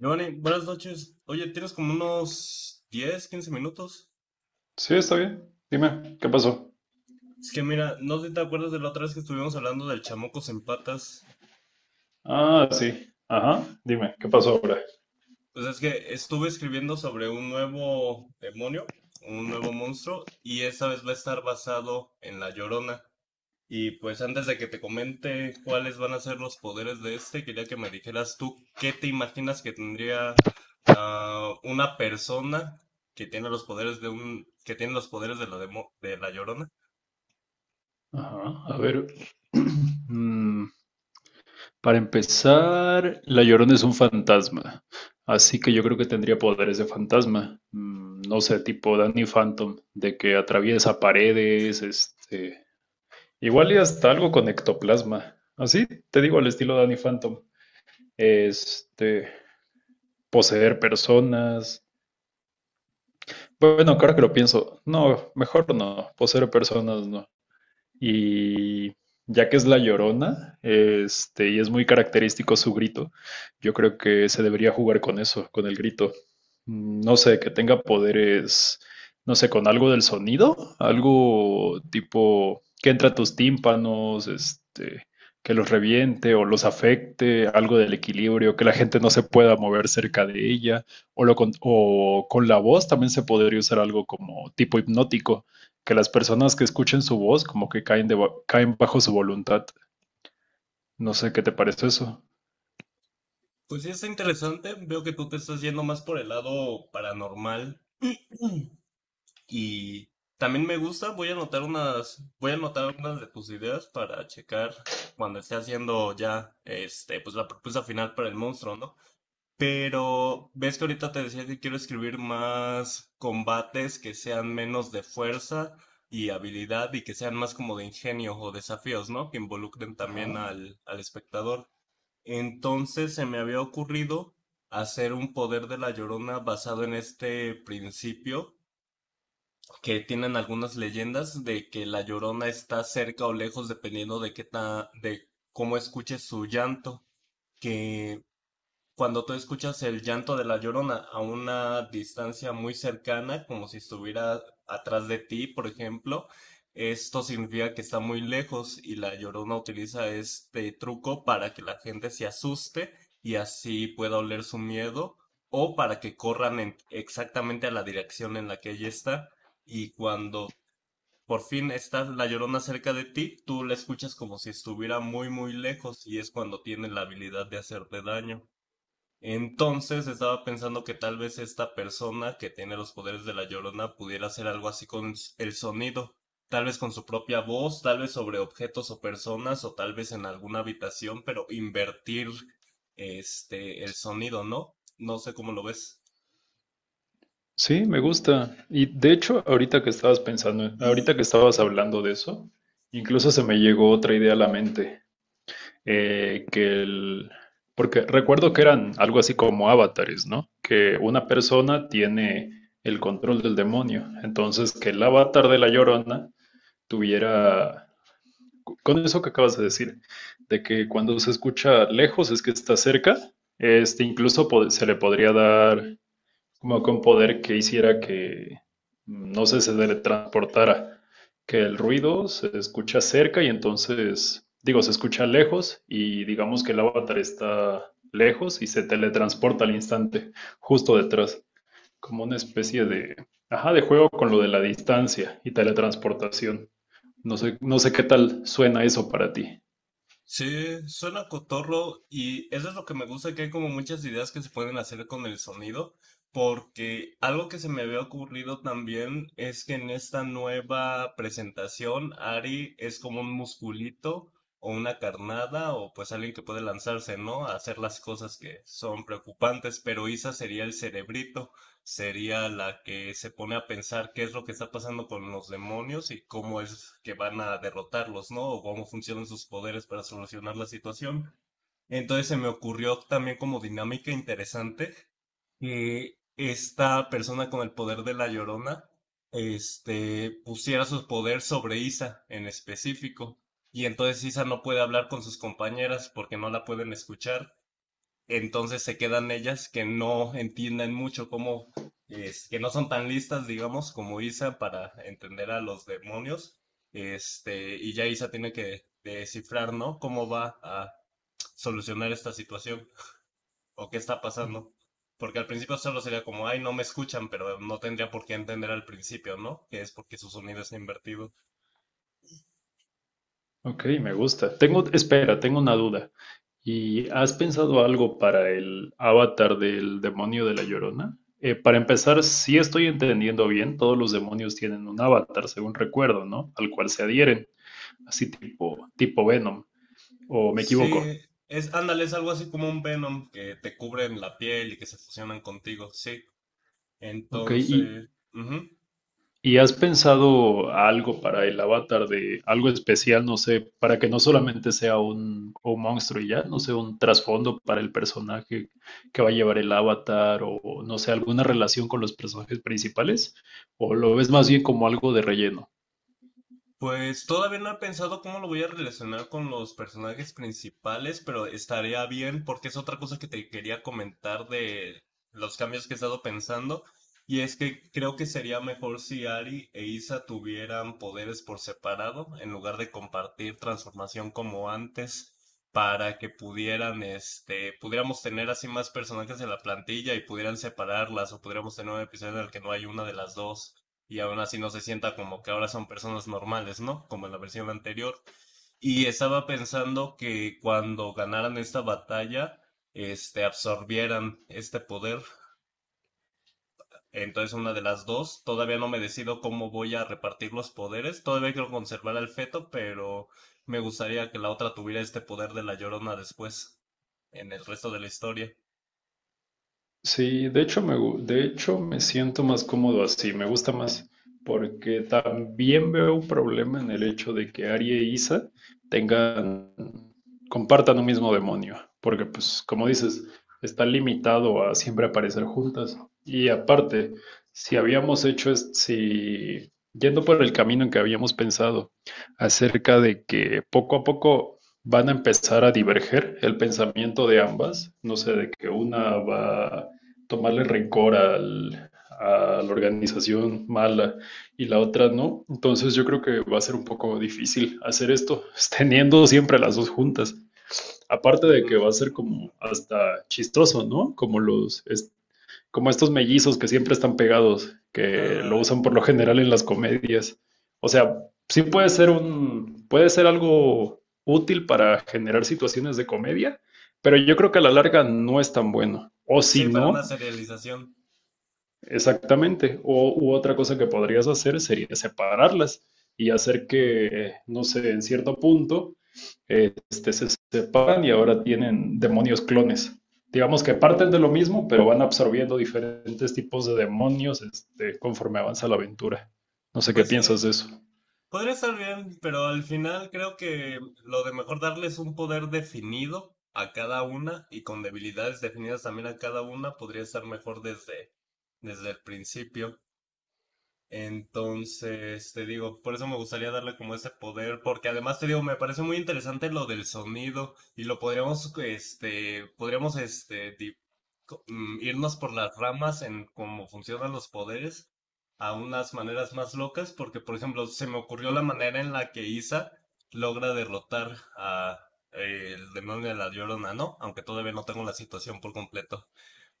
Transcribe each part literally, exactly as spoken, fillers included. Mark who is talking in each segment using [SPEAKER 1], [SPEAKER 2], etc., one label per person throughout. [SPEAKER 1] Giovanni, buenas noches. Oye, tienes como unos diez, quince minutos.
[SPEAKER 2] Sí, está bien. Dime, ¿qué pasó?
[SPEAKER 1] Es que mira, no sé si te acuerdas de la otra vez que estuvimos hablando del chamocos en patas.
[SPEAKER 2] Ah, sí. Ajá. Dime, ¿qué pasó ahora?
[SPEAKER 1] Pues es que estuve escribiendo sobre un nuevo demonio, un nuevo monstruo, y esta vez va a estar basado en la Llorona. Y pues antes de que te comente cuáles van a ser los poderes de este, quería que me dijeras tú qué te imaginas que tendría ah, una persona que tiene los poderes de un, que tiene los poderes de la demo- de la Llorona.
[SPEAKER 2] Ajá. A ver. Mm, para empezar, la Llorona es un fantasma. Así que yo creo que tendría poderes de fantasma. Mm, no sé, tipo Danny Phantom, de que atraviesa paredes, este. Igual y hasta algo con ectoplasma. Así, te digo, al estilo Danny Phantom. Este. Poseer personas. Bueno, claro que lo pienso. No, mejor no. Por ser personas no. Y ya que es la Llorona, este, y es muy característico su grito, yo creo que se debería jugar con eso, con el grito. Mm, No sé, que tenga poderes, no sé, con algo del sonido, algo tipo que entra a tus tímpanos, este, que los reviente o los afecte, algo del equilibrio, que la gente no se pueda mover cerca de ella, o, lo con, o con la voz también se podría usar algo como tipo hipnótico, que las personas que escuchen su voz como que caen, de, caen bajo su voluntad. No sé qué te parece eso.
[SPEAKER 1] Pues sí, está interesante. Veo que tú te estás yendo más por el lado paranormal. Mm. Y también me gusta. Voy a anotar unas, voy a anotar unas de tus ideas para checar cuando esté haciendo ya, este, pues la propuesta final para el monstruo, ¿no? Pero ves que ahorita te decía que quiero escribir más combates que sean menos de fuerza y habilidad y que sean más como de ingenio o desafíos, ¿no? Que involucren también
[SPEAKER 2] Ajá.
[SPEAKER 1] al, al espectador. Entonces se me había ocurrido hacer un poder de la Llorona basado en este principio que tienen algunas leyendas de que la Llorona está cerca o lejos dependiendo de qué ta- de cómo escuches su llanto, que cuando tú escuchas el llanto de la llorona a una distancia muy cercana, como si estuviera atrás de ti, por ejemplo, esto significa que está muy lejos y la llorona utiliza este truco para que la gente se asuste y así pueda oler su miedo o para que corran en- exactamente a la dirección en la que ella está y cuando por fin está la llorona cerca de ti, tú la escuchas como si estuviera muy muy lejos y es cuando tiene la habilidad de hacerte daño. Entonces estaba pensando que tal vez esta persona que tiene los poderes de la Llorona pudiera hacer algo así con s- el sonido, tal vez con su propia voz, tal vez sobre objetos o personas, o tal vez en alguna habitación, pero invertir este el sonido, ¿no? No sé cómo lo ves.
[SPEAKER 2] Sí, me gusta. Y de hecho, ahorita que estabas pensando, ahorita que estabas hablando de eso, incluso se me llegó otra idea a la mente, eh, que el... Porque recuerdo que eran algo así como avatares, ¿no? Que una persona tiene el control del demonio. Entonces, que el avatar de la Llorona tuviera, con eso que acabas de decir, de que cuando se escucha lejos es que está cerca, este incluso pod- se le podría dar como con poder que hiciera que, no sé, se teletransportara, que el ruido se escucha cerca y entonces, digo, se escucha lejos y digamos que el avatar está lejos y se teletransporta al instante, justo detrás, como una especie de, ajá, de juego con lo de la distancia y teletransportación. No sé, no sé qué tal suena eso para ti.
[SPEAKER 1] Sí, suena cotorro y eso es lo que me gusta, que hay como muchas ideas que se pueden hacer con el sonido, porque algo que se me había ocurrido también es que en esta nueva presentación Ari es como un musculito o una carnada o pues alguien que puede lanzarse, ¿no? A hacer las cosas que son preocupantes, pero Isa sería el cerebrito, sería la que se pone a pensar qué es lo que está pasando con los demonios y cómo es que van a derrotarlos, ¿no? O cómo funcionan sus poderes para solucionar la situación. Entonces se me ocurrió también como dinámica interesante que esta persona con el poder de la Llorona, este, pusiera su poder sobre Isa en específico. Y entonces Isa no puede hablar con sus compañeras porque no la pueden escuchar, entonces se quedan ellas que no entienden mucho cómo, es, que no son tan listas, digamos, como Isa para entender a los demonios. Este, y ya Isa tiene que descifrar, ¿no? Cómo va a solucionar esta situación o qué está
[SPEAKER 2] Mm.
[SPEAKER 1] pasando. Porque al principio solo sería como, ay, no me escuchan, pero no tendría por qué entender al principio, ¿no? Que es porque su sonido está invertido.
[SPEAKER 2] Ok, me gusta. Tengo, espera, tengo una duda. ¿Y has pensado algo para el avatar del demonio de la Llorona? Eh, para empezar, si estoy entendiendo bien, todos los demonios tienen un avatar, según recuerdo, ¿no? Al cual se adhieren, así tipo, tipo Venom, o me equivoco.
[SPEAKER 1] Sí, es, ándale, es algo así como un Venom que te cubre en la piel y que se fusionan contigo, sí.
[SPEAKER 2] Ok, ¿y
[SPEAKER 1] Entonces, ujú.
[SPEAKER 2] ¿Y has pensado algo para el avatar de algo especial, no sé, para que no solamente sea un, un monstruo y ya, no sé, un trasfondo para el personaje que va a llevar el avatar o no sé, alguna relación con los personajes principales? ¿O lo ves más bien como algo de relleno?
[SPEAKER 1] Pues todavía no he pensado cómo lo voy a relacionar con los personajes principales, pero estaría bien porque es otra cosa que te quería comentar de los cambios que he estado pensando. Y es que creo que sería mejor si Ari e Isa tuvieran poderes por separado, en lugar de compartir transformación como antes, para que pudieran, este, pudiéramos tener así más personajes en la plantilla y pudieran separarlas, o pudiéramos tener un episodio en el que no hay una de las dos. Y aún así no se sienta como que ahora son personas normales, ¿no? Como en la versión anterior. Y estaba pensando que cuando ganaran esta batalla, este, absorbieran este poder. Entonces una de las dos, todavía no me decido cómo voy a repartir los poderes, todavía quiero conservar al feto, pero me gustaría que la otra tuviera este poder de la Llorona después, en el resto de la historia.
[SPEAKER 2] Sí, de hecho me, gu- de hecho me siento más cómodo así, me gusta más, porque también veo un problema en el hecho de que Ari e Isa tengan, compartan un mismo demonio, porque pues como dices, está limitado a siempre aparecer juntas. Y aparte, si habíamos hecho, es- si yendo por el camino en que habíamos pensado acerca de que poco a poco van a empezar a diverger el pensamiento de ambas, no sé, de que una va tomarle rencor al, a la organización mala y la otra no. Entonces yo creo que va a ser un poco difícil hacer esto, teniendo siempre las dos juntas. Aparte de
[SPEAKER 1] Ujú.
[SPEAKER 2] que va a ser como hasta chistoso, ¿no? Como los es- como estos mellizos que siempre están pegados, que lo
[SPEAKER 1] Ándale.
[SPEAKER 2] usan por lo general en las comedias. O sea, sí puede ser un, puede ser algo útil para generar situaciones de comedia, pero yo creo que a la larga no es tan bueno. O si
[SPEAKER 1] Sí, para
[SPEAKER 2] no,
[SPEAKER 1] una serialización.
[SPEAKER 2] exactamente. O, u otra cosa que podrías hacer sería separarlas y hacer
[SPEAKER 1] Mm.
[SPEAKER 2] que, no sé, en cierto punto, eh, este, se separan y ahora tienen demonios clones. Digamos que parten de lo mismo, pero van absorbiendo diferentes tipos de demonios, este, conforme avanza la aventura. No sé qué
[SPEAKER 1] Pues
[SPEAKER 2] piensas de
[SPEAKER 1] sí,
[SPEAKER 2] eso.
[SPEAKER 1] podría estar bien, pero al final creo que lo de mejor darles un poder definido a cada una y con debilidades definidas también a cada una podría estar mejor desde, desde el principio. Entonces, te digo, por eso me gustaría darle como ese poder, porque además te digo, me parece muy interesante lo del sonido y lo podríamos, este, podríamos, este, di- co- mm, irnos por las ramas en cómo funcionan los poderes a unas maneras más locas, porque por ejemplo, se me ocurrió la manera en la que Isa logra derrotar a eh, el demonio de la Llorona, ¿no? Aunque todavía no tengo la situación por completo,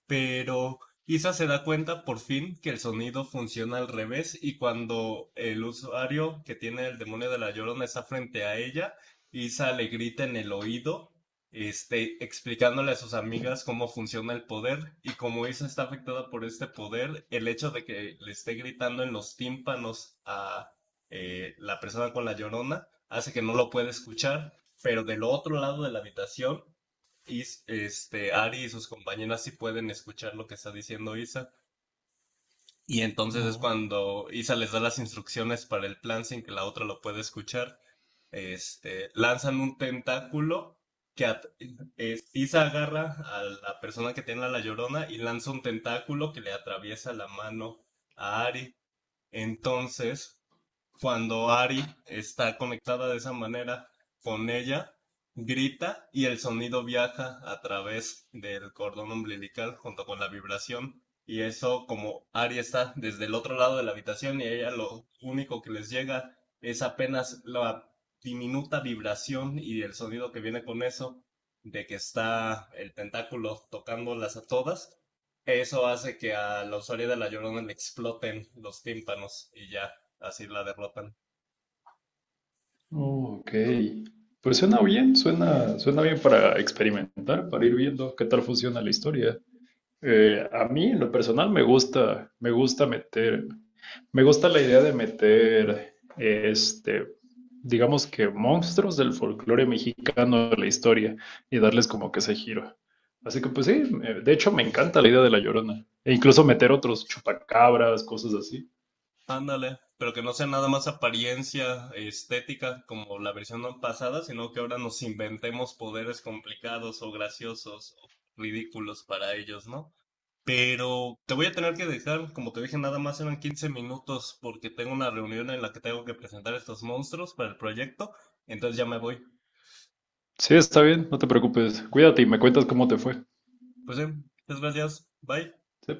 [SPEAKER 1] pero Isa se da cuenta por fin que el sonido funciona al revés y cuando el usuario que tiene el demonio de la Llorona está frente a ella, Isa le grita en el oído, este, explicándole a sus amigas cómo funciona el poder y como Isa está afectada por este poder, el hecho de que le esté gritando en los tímpanos a eh, la persona con la Llorona hace que no lo pueda escuchar, pero del otro lado de la habitación. y este, Ari y sus compañeras sí pueden escuchar lo que está diciendo Isa. Y entonces es
[SPEAKER 2] No.
[SPEAKER 1] cuando Isa les da las instrucciones para el plan sin que la otra lo pueda escuchar. Este, lanzan un tentáculo que at- es- Isa agarra a la persona que tiene a la llorona y lanza un tentáculo que le atraviesa la mano a Ari. Entonces, cuando Ari está conectada de esa manera con ella, grita y el sonido viaja a través del cordón umbilical junto con la vibración. Y eso, como Ari está desde el otro lado de la habitación y a ella lo único que les llega es apenas la diminuta vibración y el sonido que viene con eso, de que está el tentáculo tocándolas a todas, eso hace que a la usuaria de la Llorona le exploten los tímpanos y ya, así la derrotan.
[SPEAKER 2] Oh, ok. Pues suena bien, suena, suena bien para experimentar, para ir viendo qué tal funciona la historia. Eh, a mí, en lo personal, me gusta, me gusta meter, me gusta la idea de meter, este, digamos que monstruos del folclore mexicano a la historia y darles como que ese giro. Así que, pues sí, eh, de hecho me encanta la idea de La Llorona. E incluso meter otros chupacabras, cosas así.
[SPEAKER 1] Ándale, pero que no sea nada más apariencia estética como la versión pasada, sino que ahora nos inventemos poderes complicados o graciosos o ridículos para ellos, ¿no? Pero te voy a tener que dejar, como te dije, nada más eran quince minutos porque tengo una reunión en la que tengo que presentar estos monstruos para el proyecto, entonces ya me voy.
[SPEAKER 2] Sí, está bien, no te preocupes. Cuídate y me cuentas cómo te fue.
[SPEAKER 1] Pues sí, muchas gracias, bye.
[SPEAKER 2] Sí.